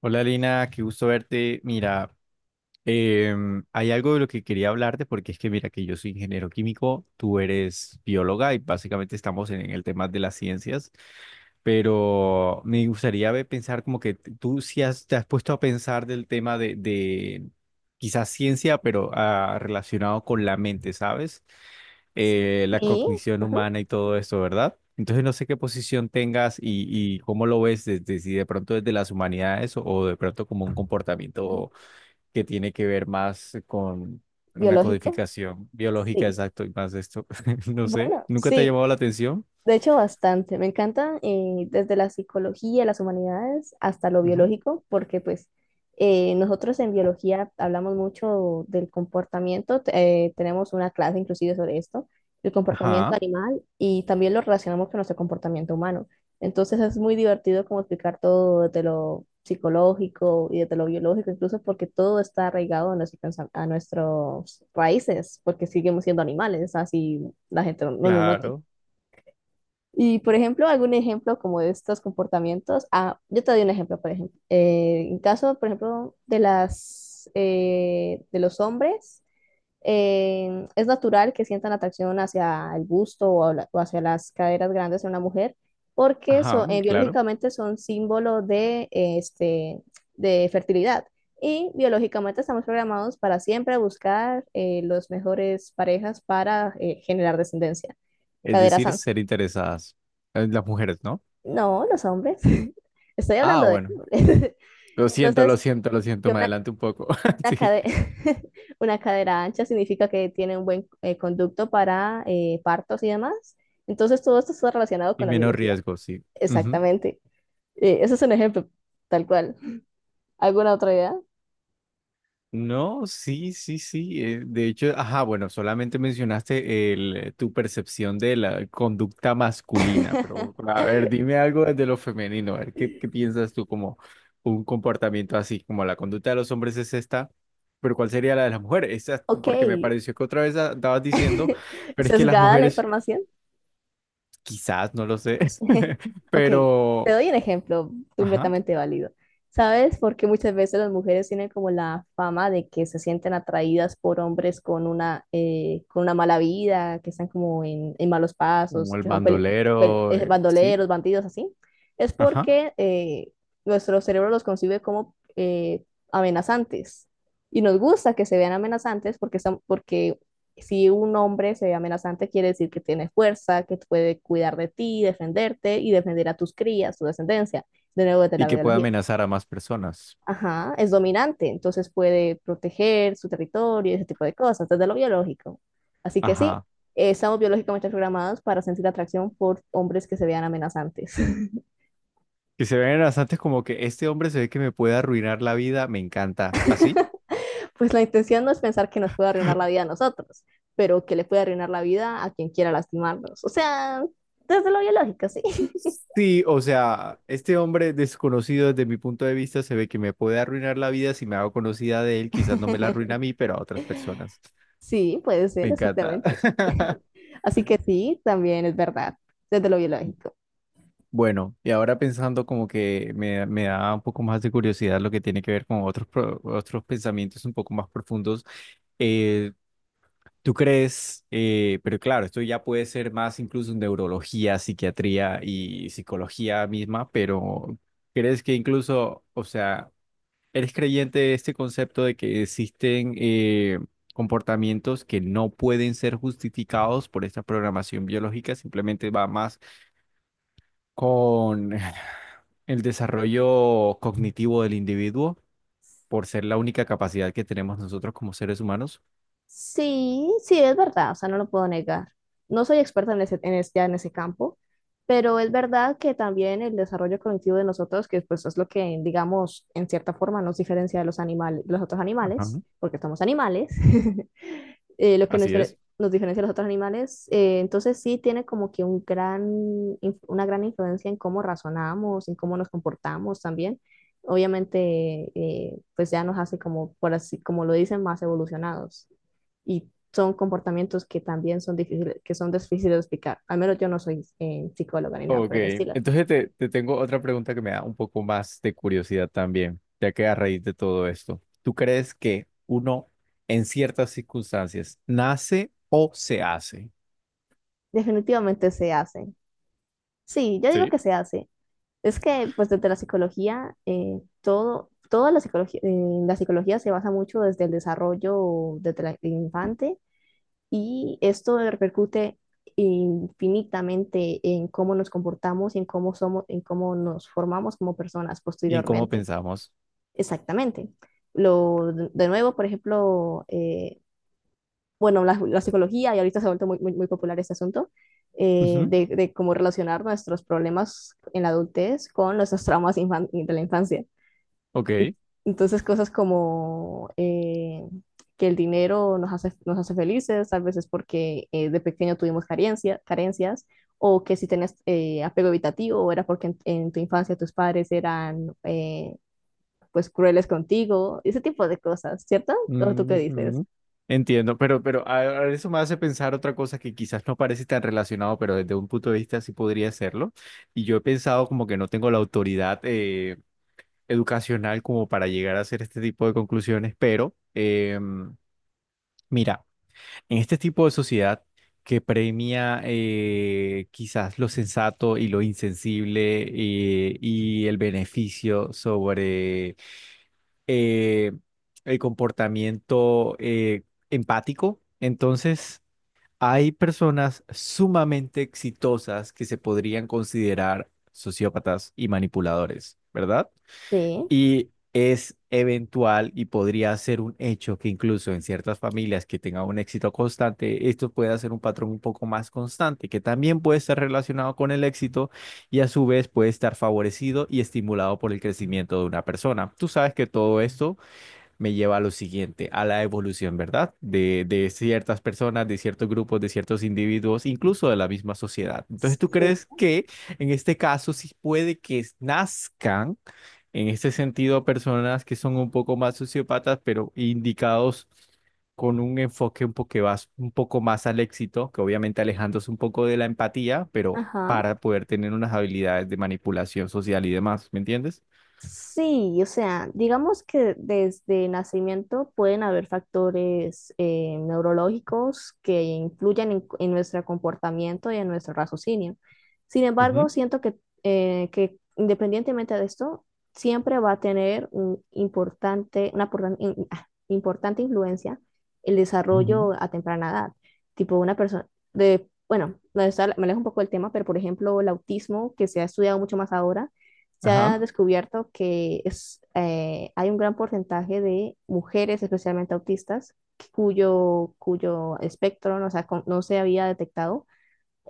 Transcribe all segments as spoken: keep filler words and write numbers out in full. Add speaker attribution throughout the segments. Speaker 1: Hola Lina, qué gusto verte. Mira, em, hay algo de lo que quería hablarte porque es que mira que yo soy ingeniero químico, tú eres bióloga y básicamente estamos en el tema de las ciencias, pero me gustaría ver- pensar como que t- tú sí has, te has puesto a pensar del tema de, de quizás ciencia, pero ah, relacionado con la mente, ¿sabes? Eh, la
Speaker 2: Sí,
Speaker 1: cognición
Speaker 2: ajá,
Speaker 1: humana y todo esto, ¿verdad? Entonces no sé qué posición tengas y, y cómo lo ves desde si de pronto desde las humanidades o, o de pronto como un comportamiento que tiene que ver más con una
Speaker 2: biológico,
Speaker 1: codificación biológica,
Speaker 2: sí.
Speaker 1: exacto, y más de esto. No sé,
Speaker 2: Bueno,
Speaker 1: ¿nunca te ha
Speaker 2: sí,
Speaker 1: llamado la atención?
Speaker 2: de hecho, bastante. Me encanta eh, desde la psicología, las humanidades, hasta lo
Speaker 1: Ujú.
Speaker 2: biológico, porque pues eh, nosotros en biología hablamos mucho del comportamiento, te- eh, tenemos una clase inclusive sobre esto, el comportamiento
Speaker 1: Ajá,
Speaker 2: animal, y también lo relacionamos con nuestro comportamiento humano. Entonces es muy divertido como explicar todo desde lo psicológico y desde lo biológico, incluso porque todo está arraigado a, nuestro pensa- a nuestras raíces, porque seguimos siendo animales, así la gente no lo note.
Speaker 1: claro.
Speaker 2: Y, por ejemplo, algún ejemplo como de estos comportamientos. Ah, yo te doy un ejemplo, por ejemplo. Eh, en caso, por ejemplo, de las, eh, de los hombres, eh, es natural que sientan atracción hacia el busto o, habla- o hacia las caderas grandes de una mujer, porque
Speaker 1: Ajá,
Speaker 2: son,
Speaker 1: mm,
Speaker 2: eh,
Speaker 1: claro.
Speaker 2: biológicamente son símbolo de, eh, este, de fertilidad. Y biológicamente estamos programados para siempre buscar eh, los mejores parejas para eh, generar descendencia,
Speaker 1: Es
Speaker 2: caderas
Speaker 1: decir, ser interesadas. Eh, Las mujeres, ¿no?
Speaker 2: no, los hombres. Estoy
Speaker 1: Ah,
Speaker 2: hablando de
Speaker 1: bueno.
Speaker 2: hombres.
Speaker 1: Lo siento, lo
Speaker 2: Entonces,
Speaker 1: siento, lo siento.
Speaker 2: que
Speaker 1: Me
Speaker 2: una,
Speaker 1: adelanto un poco.
Speaker 2: una,
Speaker 1: Sí.
Speaker 2: cade- una cadera ancha significa que tiene un buen eh, conducto para eh, partos y demás. Entonces, todo esto está relacionado
Speaker 1: Y
Speaker 2: con la
Speaker 1: menos
Speaker 2: biología.
Speaker 1: riesgo, sí.
Speaker 2: Exactamente. Eh, ese es un ejemplo, tal cual. ¿Alguna otra idea?
Speaker 1: No, sí, sí, sí, eh, de hecho, ajá, bueno, solamente mencionaste el, eh, tu percepción de la conducta masculina, pero a ver, dime algo desde lo femenino, a ver, ¿qué, qué piensas tú como un comportamiento así, como la conducta de los hombres es esta, pero cuál sería la de las mujeres? Esa-
Speaker 2: Ok,
Speaker 1: porque me pareció que otra vez a- estabas diciendo, pero es que las
Speaker 2: sesgada la
Speaker 1: mujeres,
Speaker 2: información.
Speaker 1: quizás, no lo sé,
Speaker 2: Ok, te
Speaker 1: pero,
Speaker 2: doy un ejemplo
Speaker 1: ajá,
Speaker 2: completamente válido. ¿Sabes por qué muchas veces las mujeres tienen como la fama de que se sienten atraídas por hombres con una, eh, con una mala vida, que están como en, en malos pasos,
Speaker 1: como el
Speaker 2: que son peli- peli-
Speaker 1: bandolero,
Speaker 2: eh,
Speaker 1: el- sí,
Speaker 2: bandoleros, bandidos, así? Es
Speaker 1: ajá,
Speaker 2: porque eh, nuestro cerebro los concibe como eh, amenazantes. Y nos gusta que se vean amenazantes porque, son, porque si un hombre se ve amenazante, quiere decir que tiene fuerza, que puede cuidar de ti, defenderte y defender a tus crías, tu descendencia, de nuevo desde
Speaker 1: y
Speaker 2: la
Speaker 1: que puede
Speaker 2: biología.
Speaker 1: amenazar a más personas.
Speaker 2: Ajá, es dominante, entonces puede proteger su territorio y ese tipo de cosas, desde lo biológico. Así que sí,
Speaker 1: Ajá.
Speaker 2: eh, estamos biológicamente programados para sentir atracción por hombres que se vean amenazantes.
Speaker 1: Que se ven bastantes como que este hombre se ve que me puede arruinar la vida, me encanta. ¿Así?
Speaker 2: Pues la intención no es pensar que nos puede arruinar la vida a nosotros, pero que le puede arruinar la vida a quien quiera lastimarnos. O sea, desde lo biológico, sí.
Speaker 1: Sí, o sea, este hombre desconocido desde mi punto de vista se ve que me puede arruinar la vida si me hago conocida de él, quizás no me la arruina a mí, pero a otras personas.
Speaker 2: Sí, puede
Speaker 1: Me
Speaker 2: ser,
Speaker 1: encanta.
Speaker 2: exactamente. Así que sí, también es verdad, desde lo biológico.
Speaker 1: Bueno, y ahora pensando como que me, me da un poco más de curiosidad lo que tiene que ver con otros, pro- otros pensamientos un poco más profundos. eh, ¿Tú crees? Eh, pero claro, esto ya puede ser más incluso en neurología, psiquiatría y psicología misma, pero ¿crees que incluso, o sea, eres creyente de este concepto de que existen eh, comportamientos que no pueden ser justificados por esta programación biológica? Simplemente va más con el desarrollo cognitivo del individuo por ser la única capacidad que tenemos nosotros como seres humanos.
Speaker 2: Sí, sí, es verdad, o sea, no lo puedo negar. No soy experta en ese, en es- ya en ese campo, pero es verdad que también el desarrollo cognitivo de nosotros, que pues es lo que, digamos, en cierta forma nos diferencia de los animales, los otros
Speaker 1: Ajá.
Speaker 2: animales, porque somos animales, eh, lo que nos,
Speaker 1: Así es.
Speaker 2: difere- nos diferencia de los otros animales. Eh, entonces sí tiene como que un gran, inf- una gran influencia en cómo razonamos, en cómo nos comportamos también. Obviamente, eh, pues ya nos hace como, por así, como lo dicen, más evolucionados. Y son comportamientos que también son difíciles, que son difíciles de explicar. Al menos yo no soy eh, psicóloga ni nada
Speaker 1: Ok,
Speaker 2: por el estilo.
Speaker 1: entonces te, te tengo otra pregunta que me da un poco más de curiosidad también, ya que a raíz de todo esto, ¿tú crees que uno en ciertas circunstancias nace o se hace?
Speaker 2: Definitivamente se hace. Sí, yo digo
Speaker 1: ¿Sí?
Speaker 2: que se hace. Es que, pues, desde la psicología, eh, todo, toda la psicología, eh, la psicología se basa mucho desde el desarrollo desde la- el infante y esto repercute infinitamente en cómo nos comportamos y en cómo somos, en cómo nos formamos como personas
Speaker 1: ¿Y en cómo
Speaker 2: posteriormente.
Speaker 1: pensamos?
Speaker 2: Exactamente. Lo, de nuevo, por ejemplo, eh, bueno, la, la psicología, y ahorita se ha vuelto muy, muy, muy popular este asunto, eh,
Speaker 1: Ujú.
Speaker 2: de, de cómo relacionar nuestros problemas en la adultez con nuestros traumas infan- de la infancia.
Speaker 1: Ok.
Speaker 2: Entonces, cosas como eh, que el dinero nos hace, nos hace felices, tal vez es porque eh, de pequeño tuvimos carencia, carencias, o que si tenés eh, apego evitativo, era porque en, en tu infancia tus padres eran eh, pues crueles contigo, ese tipo de cosas, ¿cierto? ¿O tú qué dices?
Speaker 1: Ujú. Entiendo, pero, pero a- a eso me hace pensar otra cosa que quizás no parece tan relacionado, pero desde un punto de vista sí podría serlo. Y yo he pensado como que no tengo la autoridad eh, educacional como para llegar a hacer este tipo de conclusiones, pero eh, mira, en este tipo de sociedad que premia eh, quizás lo sensato y lo insensible eh, y el beneficio sobre eh, el comportamiento eh, empático, entonces hay personas sumamente exitosas que se podrían considerar sociópatas y manipuladores, ¿verdad?
Speaker 2: Sí,
Speaker 1: Y es eventual y podría ser un hecho que incluso en ciertas familias que tengan un éxito constante, esto pueda ser un patrón un poco más constante, que también puede estar relacionado con el éxito y a su vez puede estar favorecido y estimulado por el crecimiento de una persona. Tú sabes que todo esto me lleva a lo siguiente, a la evolución, ¿verdad? De, de ciertas personas, de ciertos grupos, de ciertos individuos, incluso de la misma sociedad. Entonces, ¿tú
Speaker 2: sí,
Speaker 1: crees que en este caso sí puede que nazcan, en este sentido, personas que son un poco más sociópatas, pero indicados con un enfoque un poco, más, un poco más al éxito, que obviamente alejándose un poco de la empatía, pero
Speaker 2: ajá.
Speaker 1: para poder tener unas habilidades de manipulación social y demás, ¿me entiendes?
Speaker 2: Sí, o sea, digamos que desde nacimiento pueden haber factores eh, neurológicos que influyen en, en nuestro comportamiento y en nuestro raciocinio. Sin embargo,
Speaker 1: Ujú.
Speaker 2: siento que, eh, que independientemente de esto, siempre va a tener un importante, una portan- in- ah, importante influencia el
Speaker 1: Ujú.
Speaker 2: desarrollo a temprana edad. Tipo una persona de, bueno, me alejo un poco del tema, pero por ejemplo, el autismo, que se ha estudiado mucho más ahora se
Speaker 1: Ajá,
Speaker 2: ha descubierto que es, eh, hay un gran porcentaje de mujeres, especialmente autistas, cuyo, cuyo espectro no, se ha no se había detectado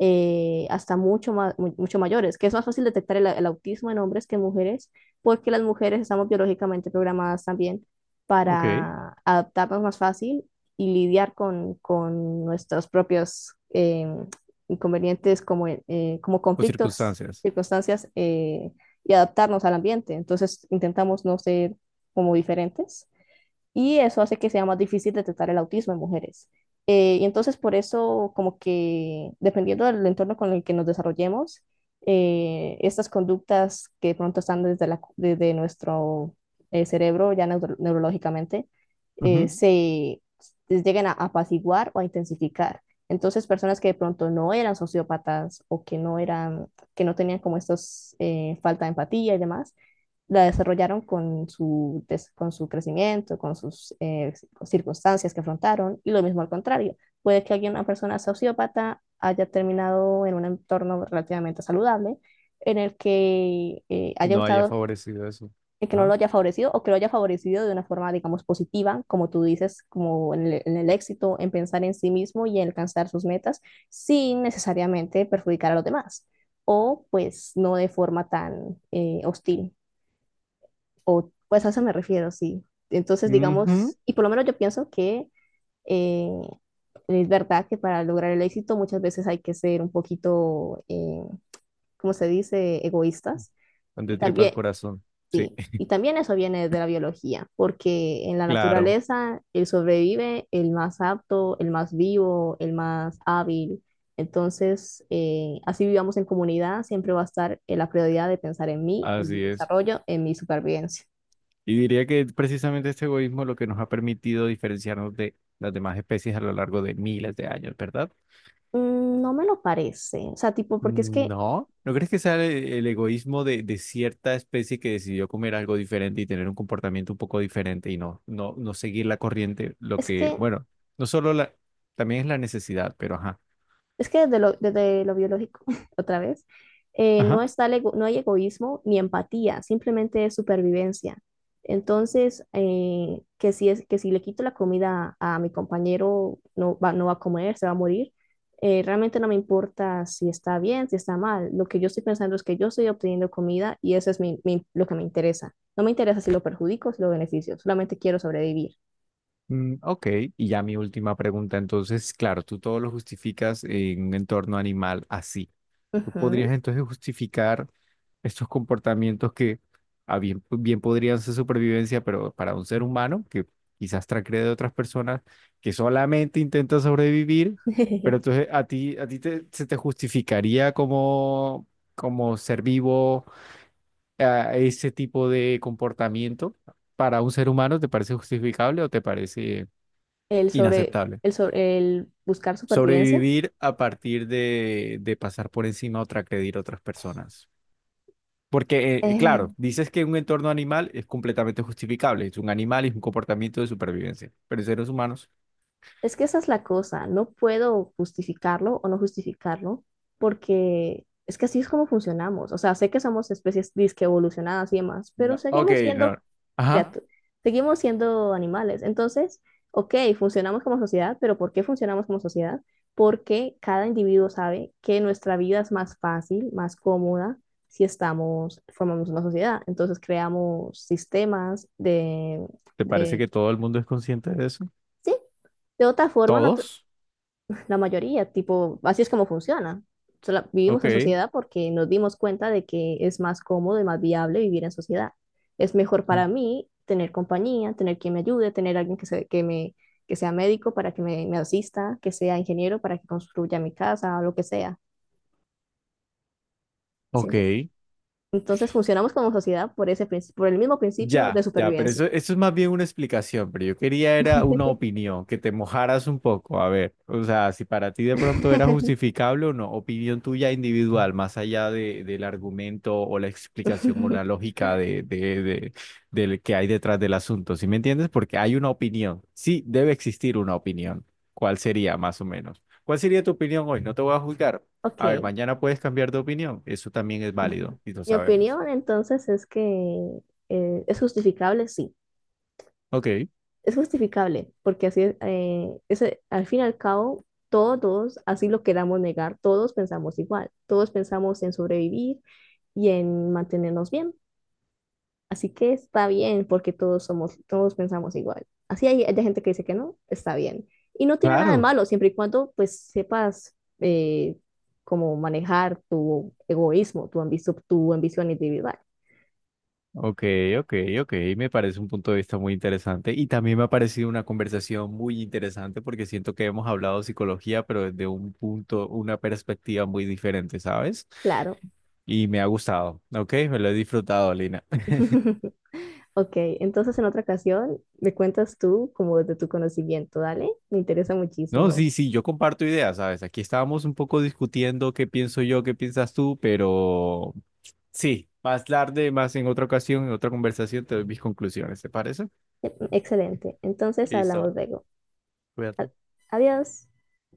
Speaker 2: eh, hasta mucho, ma- mu- mucho mayores, que es más fácil detectar el, el autismo en hombres que en mujeres, porque las mujeres estamos biológicamente programadas también
Speaker 1: ok.
Speaker 2: para adaptarnos más fácil y lidiar con, con nuestros propios em, inconvenientes como, eh, como
Speaker 1: O
Speaker 2: conflictos,
Speaker 1: circunstancias.
Speaker 2: circunstancias eh, y adaptarnos al ambiente. Entonces intentamos no ser como diferentes y eso hace que sea más difícil detectar el autismo en mujeres. Eh, y entonces por eso, como que dependiendo del entorno con el que nos desarrollemos, eh, estas conductas que de pronto están desde, la, desde nuestro eh, cerebro ya neuro- neurológicamente, eh,
Speaker 1: Ujú.
Speaker 2: se les llegan a apaciguar o a intensificar. Entonces, personas que de pronto no eran sociópatas o que no eran, que no tenían como estos eh, falta de empatía y demás, la desarrollaron con su, des- con su crecimiento, con sus eh, circunstancias que afrontaron, y lo mismo al contrario. Puede que alguien, una persona sociópata haya terminado en un entorno relativamente saludable, en el que eh, haya
Speaker 1: No haya
Speaker 2: gustado,
Speaker 1: favorecido eso.
Speaker 2: en que no lo
Speaker 1: Ajá.
Speaker 2: haya favorecido o que lo haya favorecido de una forma, digamos, positiva, como tú dices, como en el, en el éxito, en pensar en sí mismo y en alcanzar sus metas, sin necesariamente perjudicar a los demás, o pues no de forma tan eh, hostil o pues a eso me refiero, sí. Entonces,
Speaker 1: Ujú.
Speaker 2: digamos, y por lo menos yo pienso que eh, es verdad que para lograr el éxito muchas veces hay que ser un poquito, eh, ¿cómo se dice?, egoístas. Y
Speaker 1: Donde tripas
Speaker 2: también,
Speaker 1: corazón. Sí,
Speaker 2: sí, y también eso viene de la biología, porque en la
Speaker 1: claro,
Speaker 2: naturaleza el sobrevive el más apto, el más vivo, el más hábil. Entonces, eh, así vivamos en comunidad, siempre va a estar en la prioridad de pensar en mí, en mi
Speaker 1: así es.
Speaker 2: desarrollo, en mi supervivencia.
Speaker 1: Y diría que precisamente este egoísmo es lo que nos ha permitido diferenciarnos de las demás especies a lo largo de miles de años, ¿verdad?
Speaker 2: Mm, no me lo parece. O sea, tipo, porque es que,
Speaker 1: No, ¿no crees que sea el, el egoísmo de, de cierta especie que decidió comer algo diferente y tener un comportamiento un poco diferente y no, no, no seguir la corriente? Lo
Speaker 2: es
Speaker 1: que,
Speaker 2: que,
Speaker 1: bueno, no solo la, también es la necesidad, pero ajá.
Speaker 2: es que desde lo, desde lo biológico, otra vez, eh, no
Speaker 1: Ajá.
Speaker 2: está el ego- no hay egoísmo ni empatía, simplemente es supervivencia. Entonces, eh, que si es, que si le quito la comida a mi compañero, no va, no va a comer, se va a morir. Eh, realmente no me importa si está bien, si está mal. Lo que yo estoy pensando es que yo estoy obteniendo comida y eso es mi- mi- lo que me interesa. No me interesa si lo perjudico o si lo beneficio, solamente quiero sobrevivir.
Speaker 1: Mm, ok, y ya mi última pregunta. Entonces, claro, tú todo lo justificas en un entorno animal así. Tú podrías
Speaker 2: Ujú.
Speaker 1: entonces justificar estos comportamientos que a bien, pues, bien podrían ser supervivencia, pero para un ser humano que quizás transgrede de otras personas que solamente intenta sobrevivir, pero entonces a ti, a ti te- se te justificaría como, como ser vivo a ese tipo de comportamiento para un ser humano, ¿te parece justificable o te parece
Speaker 2: el sobre,
Speaker 1: inaceptable?
Speaker 2: el sobre, el buscar supervivencia.
Speaker 1: Sobrevivir a partir de, de pasar por encima o transgredir otras personas. Porque, eh,
Speaker 2: Eh,
Speaker 1: claro, dices que un entorno animal es completamente justificable. Es un animal y es un comportamiento de supervivencia. Pero en seres humanos.
Speaker 2: es que esa es la cosa, no puedo justificarlo o no justificarlo porque es que así es como funcionamos. O sea, sé que somos especies disque evolucionadas y demás, pero
Speaker 1: No. Ok,
Speaker 2: seguimos siendo ajá.
Speaker 1: no. Ajá.
Speaker 2: Criatu- Seguimos siendo animales. Entonces, ok, funcionamos como sociedad, pero ¿por qué funcionamos como sociedad? Porque cada individuo sabe que nuestra vida es más fácil, más cómoda si estamos, formamos una sociedad. Entonces creamos sistemas de,
Speaker 1: ¿Te parece
Speaker 2: de
Speaker 1: que todo el mundo es consciente de eso?
Speaker 2: sí, de otra forma, no-
Speaker 1: ¿Todos?
Speaker 2: la mayoría, tipo, así es como funciona. O vivimos en
Speaker 1: Ok.
Speaker 2: sociedad porque nos dimos cuenta de que es más cómodo y más viable vivir en sociedad. Es mejor
Speaker 1: Mm.
Speaker 2: para mí tener compañía, tener quien me ayude, tener alguien que, se- que, me, que sea médico para que me, me asista, que sea ingeniero para que construya mi casa, o lo que sea. ¿Sí
Speaker 1: Ok.
Speaker 2: entiende? Entonces funcionamos como sociedad por ese, princi- por el mismo principio de
Speaker 1: Ya, ya, pero
Speaker 2: supervivencia.
Speaker 1: eso, eso es más bien una explicación, pero yo quería era una opinión, que te mojaras un poco, a ver, o sea, si para ti de pronto era justificable o no, opinión tuya individual, más allá de, del argumento o la explicación o la lógica de, de, de, del que hay detrás del asunto, ¿sí me entiendes? Porque hay una opinión, sí, debe existir una opinión, ¿cuál sería más o menos? ¿Cuál sería tu opinión hoy? No te voy a juzgar. A ver,
Speaker 2: Ok.
Speaker 1: mañana puedes cambiar de opinión, eso también es válido y lo
Speaker 2: Mi
Speaker 1: sabemos.
Speaker 2: opinión entonces es que eh, es justificable, sí.
Speaker 1: Ok.
Speaker 2: Es justificable, porque así es, eh, es, eh, al fin y al cabo, todos, así lo queramos negar, todos pensamos igual, todos pensamos en sobrevivir y en mantenernos bien. Así que está bien porque todos somos, todos pensamos igual. Así hay, hay gente que dice que no, está bien. Y no tiene nada de
Speaker 1: Claro.
Speaker 2: malo, siempre y cuando pues sepas eh, cómo manejar tu egoísmo, tu ambición, tu ambición individual.
Speaker 1: Ok, ok, ok, me parece un punto de vista muy interesante y también me ha parecido una conversación muy interesante porque siento que hemos hablado de psicología, pero desde un punto, una perspectiva muy diferente, ¿sabes?
Speaker 2: Claro.
Speaker 1: Y me ha gustado, ok, me lo he disfrutado, Lina.
Speaker 2: Ok, entonces en otra ocasión me cuentas tú como de tu conocimiento, ¿dale? Me interesa
Speaker 1: No,
Speaker 2: muchísimo.
Speaker 1: sí, sí, yo comparto ideas, ¿sabes? Aquí estábamos un poco discutiendo qué pienso yo, qué piensas tú, pero sí, más tarde, más en otra ocasión, en otra conversación, te doy mis conclusiones, ¿te parece?
Speaker 2: Excelente. Entonces hablamos
Speaker 1: Listo,
Speaker 2: luego. A-
Speaker 1: cuídate.
Speaker 2: Adiós.